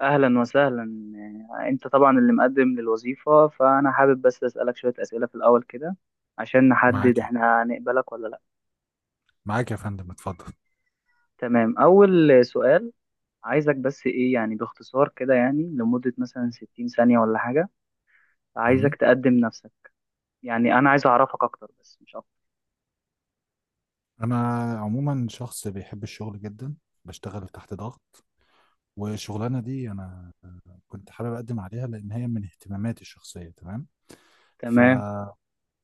أهلا وسهلا. أنت طبعا اللي مقدم للوظيفة، فأنا حابب بس أسألك شوية أسئلة في الأول كده عشان معاك نحدد إحنا هنقبلك ولا لأ. معاك يا فندم، اتفضل. تمام، أول سؤال. عايزك بس إيه يعني، باختصار كده، يعني لمدة مثلا 60 ثانية ولا حاجة، مم. عايزك تقدم نفسك. يعني أنا عايز أعرفك أكتر بس مش أكتر. انا عموما شخص بيحب الشغل جدا، بشتغل تحت ضغط. والشغلانه دي انا كنت حابب اقدم عليها لان هي من اهتماماتي الشخصيه. تمام. ف... تمام.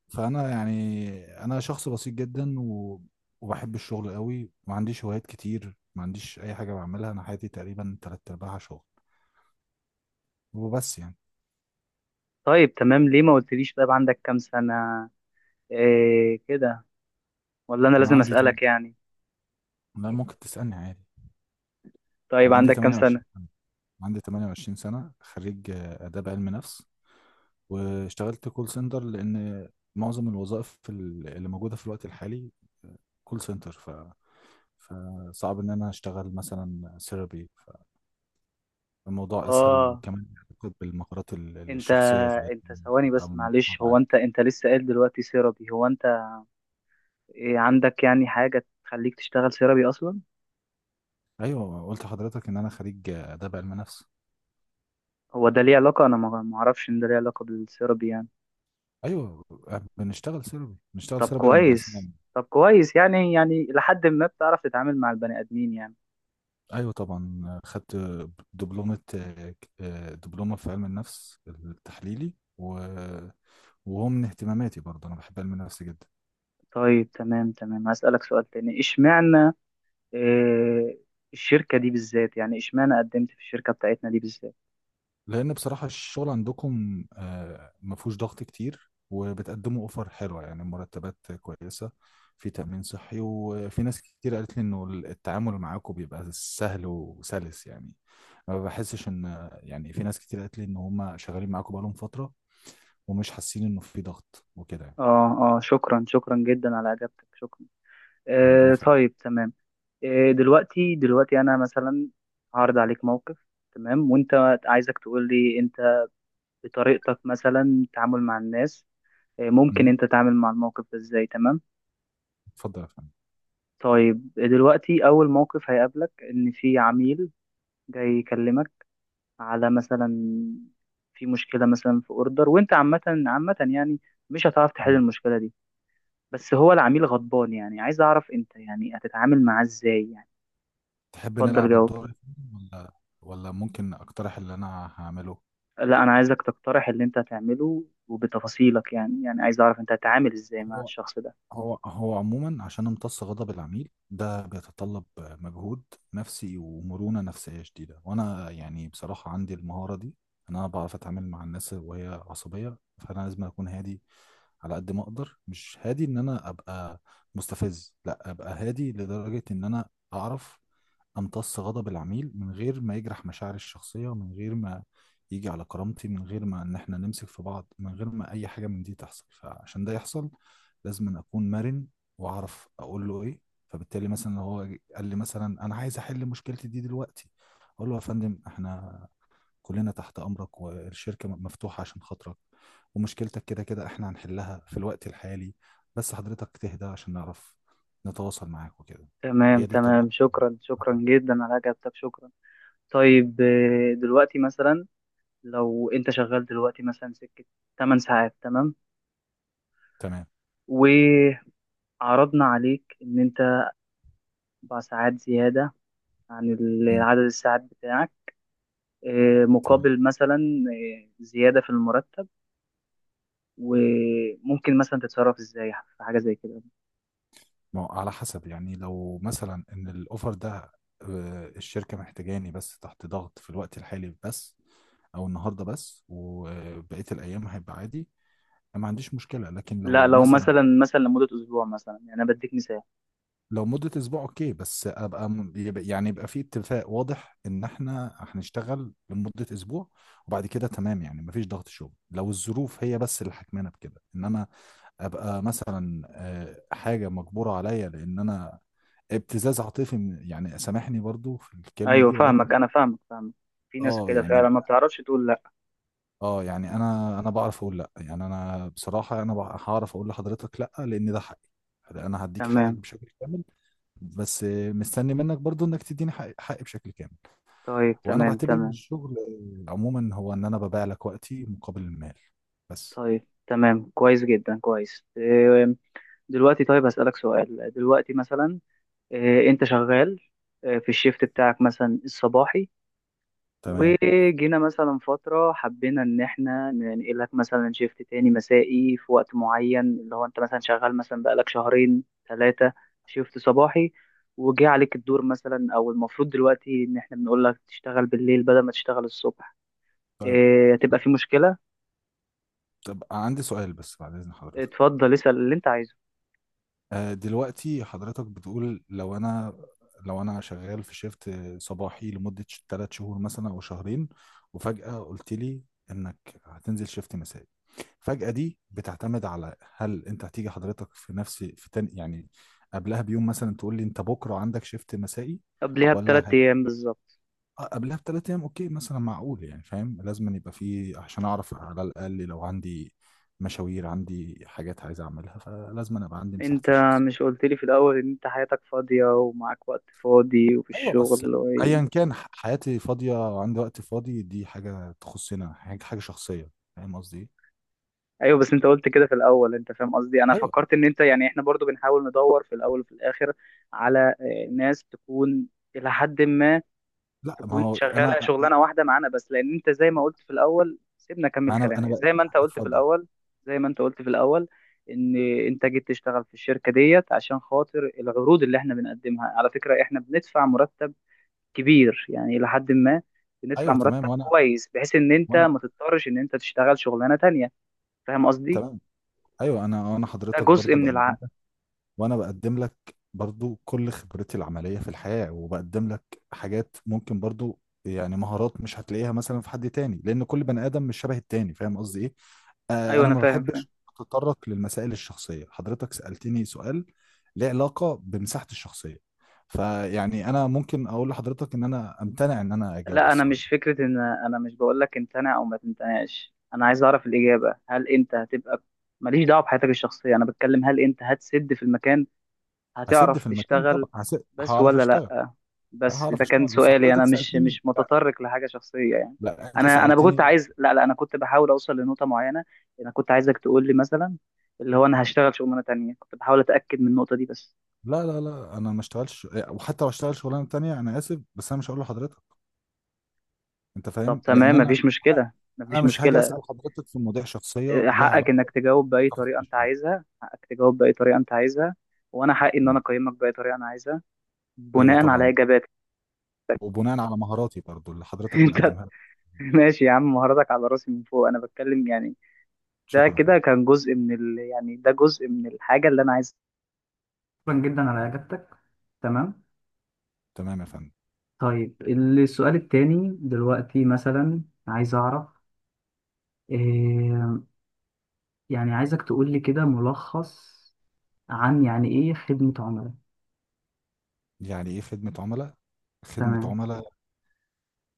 فانا يعني انا شخص بسيط جدا وبحب الشغل قوي، ما عنديش هوايات كتير، ما عنديش اي حاجه بعملها، انا حياتي تقريبا تلات ارباعها شغل وبس يعني. طيب، تمام، ليه ما قلتليش؟ طيب عندك كام سنة؟ إيه كده؟ ولا أنا انا لازم عندي، تمام، أسألك يعني؟ لا ممكن تسالني عادي. طيب انا عندي عندك كام سنة؟ 28 سنه، عندي 28 سنه، خريج اداب علم نفس. واشتغلت كول سنتر، لان معظم الوظائف اللي موجوده في الوقت الحالي كول سنتر، فصعب ان انا اشتغل مثلا سيرابي، فالموضوع اسهل، آه. وكمان بيعتقد بالمهارات انت الشخصيه، زي انت ثواني ببقى بس، معلش، هو متابعة. انت لسه قايل دلوقتي سيرابي، هو انت إيه عندك يعني حاجة تخليك تشتغل سيرابي اصلا؟ ايوه، قلت لحضرتك ان انا خريج اداب علم نفس. هو ده ليه علاقة؟ انا ما اعرفش ان ده ليه علاقة بالسيرابي يعني. ايوه، بنشتغل سيرابي بنشتغل طب سيرابي او كويس، مدرسين. طب كويس، يعني لحد ما بتعرف تتعامل مع البني ادمين يعني. ايوه طبعا، خدت دبلومه دبلومه في علم النفس التحليلي، وهو من اهتماماتي برضه، انا بحب علم النفس جدا. طيب تمام تمام، هسألك سؤال تاني. اشمعنى إيه الشركة دي بالذات؟ يعني اشمعنى قدمت في الشركة بتاعتنا دي بالذات؟ لان بصراحه الشغل عندكم ما فيهوش ضغط كتير، وبتقدموا اوفر حلوه يعني، مرتبات كويسه، في تامين صحي، وفي ناس كتير قالت لي انه التعامل معاكم بيبقى سهل وسلس يعني، ما بحسش ان يعني، في ناس كتير قالت لي ان هم شغالين معاكم بقالهم فتره ومش حاسين انه في ضغط وكده يعني. اه اه، شكرا، شكرا جدا على اجابتك، شكرا. ربنا آه يخليك. طيب تمام. إيه دلوقتي، انا مثلا هعرض عليك موقف، تمام، وانت عايزك تقول لي انت بطريقتك مثلا تعامل مع الناس، إيه ممكن انت تعامل مع الموقف ده ازاي، تمام. اتفضل يا فندم. طيب دلوقتي اول موقف هيقابلك ان في عميل جاي يكلمك على مثلا في مشكلة مثلا في اوردر، وانت عامة عامة يعني مش هتعرف تحل مم. المشكلة دي، بس هو العميل غضبان، يعني عايز اعرف انت يعني هتتعامل معاه ازاي يعني. تحب اتفضل نلعب جاوب. الدور يا فندم؟ ولا ممكن اقترح اللي انا هعمله؟ لا انا عايزك تقترح اللي انت هتعمله وبتفاصيلك، يعني عايز اعرف انت هتتعامل ازاي مع هو الشخص ده. هو عموما عشان امتص غضب العميل ده، بيتطلب مجهود نفسي ومرونة نفسية شديدة، وانا يعني بصراحة عندي المهارة دي. انا بعرف اتعامل مع الناس وهي عصبية، فانا لازم اكون هادي على قد ما اقدر، مش هادي ان انا ابقى مستفز، لا، ابقى هادي لدرجة ان انا اعرف امتص غضب العميل من غير ما يجرح مشاعري الشخصيه، من غير ما يجي على كرامتي، من غير ما ان احنا نمسك في بعض، من غير ما اي حاجه من دي تحصل. فعشان ده يحصل لازم أن اكون مرن، واعرف اقول له ايه. فبالتالي مثلا لو هو قال لي مثلا انا عايز احل مشكلتي دي دلوقتي، اقول له يا فندم، احنا كلنا تحت امرك، والشركه مفتوحه عشان خاطرك، ومشكلتك كده كده احنا هنحلها في الوقت الحالي، بس حضرتك تهدى عشان نعرف نتواصل معاك وكده. تمام هي دي الطريقه. تمام، شكرا شكرا جدا على اجابتك، شكرا. طيب دلوقتي مثلا، لو انت شغال دلوقتي مثلا سكة 8 ساعات، تمام، تمام. وعرضنا عليك ان انت 4 ساعات زيادة عن مم. عدد الساعات بتاعك، تمام. مقابل مثلا زيادة في المرتب، وممكن مثلا تتصرف ازاي في حاجة زي كده؟ ما هو على حسب، يعني لو مثلا ان الاوفر ده الشركه محتاجاني بس تحت ضغط في الوقت الحالي بس، او النهارده بس وبقيه الايام هيبقى عادي، أنا ما عنديش مشكله. لكن لا لو لو مثلا، مثلا لمدة أسبوع مثلا، يعني أنا بديك مثال. لو مده اسبوع اوكي، بس ابقى يعني يبقى في اتفاق واضح ان احنا هنشتغل لمده اسبوع، وبعد كده تمام، يعني مفيش ضغط شغل لو الظروف هي بس اللي حكمانه بكده، انما ابقى مثلا حاجه مجبوره عليا، لان انا ابتزاز عاطفي يعني سامحني برضو في الكلمة أيوه دي ولكن. فاهمك، أنا فاهمك فاهمك، في ناس اه كده يعني، فعلا ما بتعرفش تقول لأ. انا بعرف اقول لا يعني. انا بصراحة، هعرف اقول لحضرتك لا، لان ده حقي، انا هديك حقك تمام. بشكل كامل، بس مستني منك برضو انك تديني حقي بشكل كامل، طيب وانا تمام بعتبر ان تمام. الشغل عموما هو ان انا ببيع لك وقتي مقابل المال بس. طيب تمام، كويس جدا، كويس. إيه، دلوقتي طيب هسألك سؤال دلوقتي مثلا. إيه، أنت شغال، إيه، في الشيفت بتاعك مثلا الصباحي، تمام. وجينا مثلا فترة حبينا إن إحنا ننقلك مثلا شيفت تاني مسائي في وقت معين، اللي هو أنت مثلا شغال مثلا بقالك شهرين 3 شيفت صباحي، وجه عليك الدور مثلا، أو المفروض دلوقتي إن إحنا بنقول لك تشتغل بالليل بدل ما تشتغل الصبح، طيب إيه هتبقى في مشكلة؟ طب عندي سؤال بس بعد اذن حضرتك. اتفضل اسأل اللي أنت عايزه. دلوقتي حضرتك بتقول لو انا شغال في شيفت صباحي لمدة 3 شهور مثلا او شهرين، وفجأة قلت لي انك هتنزل شيفت مسائي. فجأة دي بتعتمد على، هل انت هتيجي حضرتك في تاني يعني، قبلها بيوم مثلا تقول لي انت بكرة عندك شيفت مسائي، قبلها ولا بـ3 أيام هيبقى بالظبط. قبلها بثلاث ايام. اوكي، مثلا معقول، يعني فاهم، لازم أن يبقى فيه عشان اعرف على الاقل لو عندي مشاوير، عندي حاجات عايز اعملها، فلازم أن ابقى عندي أنت مساحتي مش الشخصية. قلت لي في الأول إن أنت حياتك فاضية ومعاك وقت فاضي وفي ايوه الشغل؟ بس، ايا كان، حياتي فاضيه وعندي وقت فاضي، دي حاجه تخصنا، حاجه شخصيه، فاهم قصدي ايه؟ ايوه بس انت قلت كده في الاول، انت فاهم قصدي، انا ايوه. فكرت ان انت يعني احنا برضو بنحاول ندور في الاول وفي الاخر على ناس تكون الى حد ما لا، ما تكون هو شغاله انا، شغلانه واحده معانا بس، لان انت زي ما قلت في الاول، سيبنا ما اكمل انا كلامي. بقى. زي ما انت قلت في اتفضل. الاول، زي ما انت قلت في الاول، ان انت جيت تشتغل في الشركه ديت عشان خاطر العروض اللي احنا بنقدمها، على فكره احنا بندفع مرتب كبير، يعني الى حد ما، بندفع ايوه تمام، مرتب وانا كويس بحيث ان انت وانا ما تضطرش ان انت تشتغل شغلانه تانية، فاهم قصدي؟ تمام. ايوه انا ده حضرتك جزء برضو من بقدم العقل. لك، وانا بقدم لك برضو كل خبرتي العمليه في الحياه، وبقدم لك حاجات ممكن برضو يعني مهارات مش هتلاقيها مثلا في حد تاني، لان كل بني ادم مش شبه التاني، فاهم قصدي ايه؟ ايوه انا انا ما فاهم فاهم. بحبش اتطرق للمسائل الشخصيه. حضرتك سالتني سؤال ليه علاقه بمساحتي الشخصيه، فيعني انا ممكن اقول لحضرتك ان انا امتنع ان انا اجاوب على لا انا السؤال ده. مش فكره ان انا مش بقول لك امتنع او ما تمتنعش، انا عايز اعرف الاجابه، هل انت هتبقى، ماليش دعوه بحياتك الشخصيه، انا بتكلم هل انت هتسد في المكان، هسد هتعرف في المكان تشتغل طبعا، هسد، بس هعرف ولا اشتغل. لا؟ لا، بس هعرف ده كان اشتغل، بس سؤالي، انا حضرتك مش سالتني، مش لا، متطرق لحاجه شخصيه يعني. لا انت انا كنت سالتني. عايز، لا لا، انا كنت بحاول اوصل لنقطه معينه، انا كنت عايزك تقول لي مثلا اللي هو انا هشتغل شغلانه تانية، كنت بحاول اتاكد من النقطه دي بس. لا، لا، لا، انا ما اشتغلش، وحتى لو اشتغل شغلانه تانية انا اسف بس انا مش هقول لحضرتك، انت طب فاهم، لان تمام انا، مفيش مشكله، انا مفيش مش هاجي مشكله. اسال حضرتك في مواضيع شخصيه ليها حقك انك علاقه تجاوب باي بتفاصيل طريقه انت الشغل. عايزها، حقك تجاوب باي طريقه انت عايزها، وانا حقي ان انا مم. اقيمك باي طريقه انا عايزها، ايوه بناء على طبعا، اجاباتك. وبناء على مهاراتي برضو اللي حضرتك انت مقدمها لي. ماشي يا عم، مهاراتك على راسي من فوق، انا بتكلم يعني. ده شكرا يا كده فندم. كان جزء من يعني ده جزء من الحاجه اللي انا عايزها. شكرا جدا على اجابتك. تمام. تمام يا فندم. طيب السؤال التاني، دلوقتي مثلا عايز اعرف إيه، يعني عايزك تقول لي كده ملخص عن يعني ايه خدمة عملاء. يعني ايه خدمة عملاء؟ خدمة تمام، عملاء،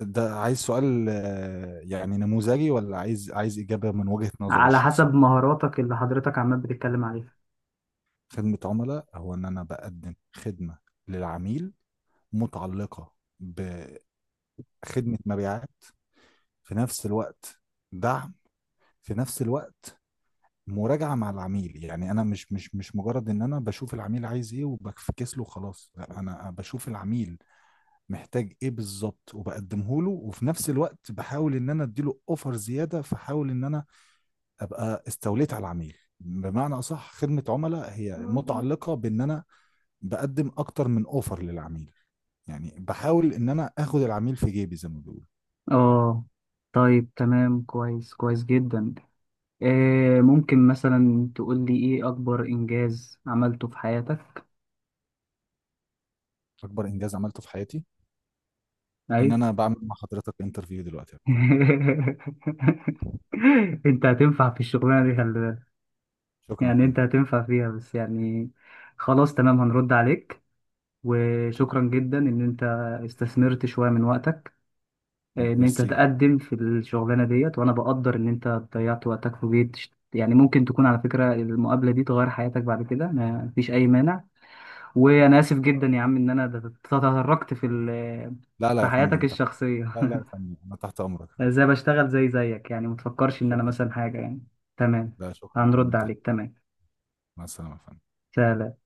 ده عايز سؤال يعني نموذجي، ولا عايز إجابة من وجهة نظري على حسب الشخصية؟ مهاراتك اللي حضرتك عمال بتتكلم عليها. خدمة عملاء هو إن أنا بقدم خدمة للعميل، متعلقة بخدمة مبيعات في نفس الوقت، دعم في نفس الوقت، مراجعة مع العميل. يعني أنا مش مجرد إن أنا بشوف العميل عايز إيه وبفكس له خلاص، لا، أنا بشوف العميل محتاج ايه بالظبط وبقدمه له، وفي نفس الوقت بحاول ان انا اديله اوفر زياده، فحاول ان انا ابقى استوليت على العميل بمعنى اصح. خدمه عملاء هي متعلقه بان انا بقدم اكتر من اوفر للعميل، يعني بحاول ان انا اخد العميل في جيبي زي ما بيقولوا. اه طيب تمام، كويس كويس جدا. آه ممكن مثلا تقول لي ايه اكبر انجاز عملته في حياتك؟ اكبر انجاز عملته في حياتي اي. ان انا بعمل مع حضرتك انترفيو دلوقتي يا فندم. انت هتنفع في الشغلانه دي، خلي بالك، شكرا يا يعني انت فندم. هتنفع فيها، بس يعني خلاص تمام هنرد عليك، تمام. وشكرا جدا ان انت استثمرت شويه من وقتك ان انت ميرسي. تقدم في الشغلانه ديت، وانا بقدر ان انت ضيعت وقتك في بيت يعني، ممكن تكون على فكره المقابله دي تغير حياتك بعد كده، ما فيش اي مانع. وانا اسف جدا يا عم ان انا تطرقت في لا، لا في يا حياتك فندم، تحت. الشخصيه. لا، لا يا فندم، انا تحت امرك يا فندم. زي بشتغل زي زيك، يعني ما تفكرش ان انا شكرا. مثلا حاجه يعني. تمام لا، شكرا يا فندم، هنرد تحت. عليك، تمام. مع السلامه يا فندم. سلام.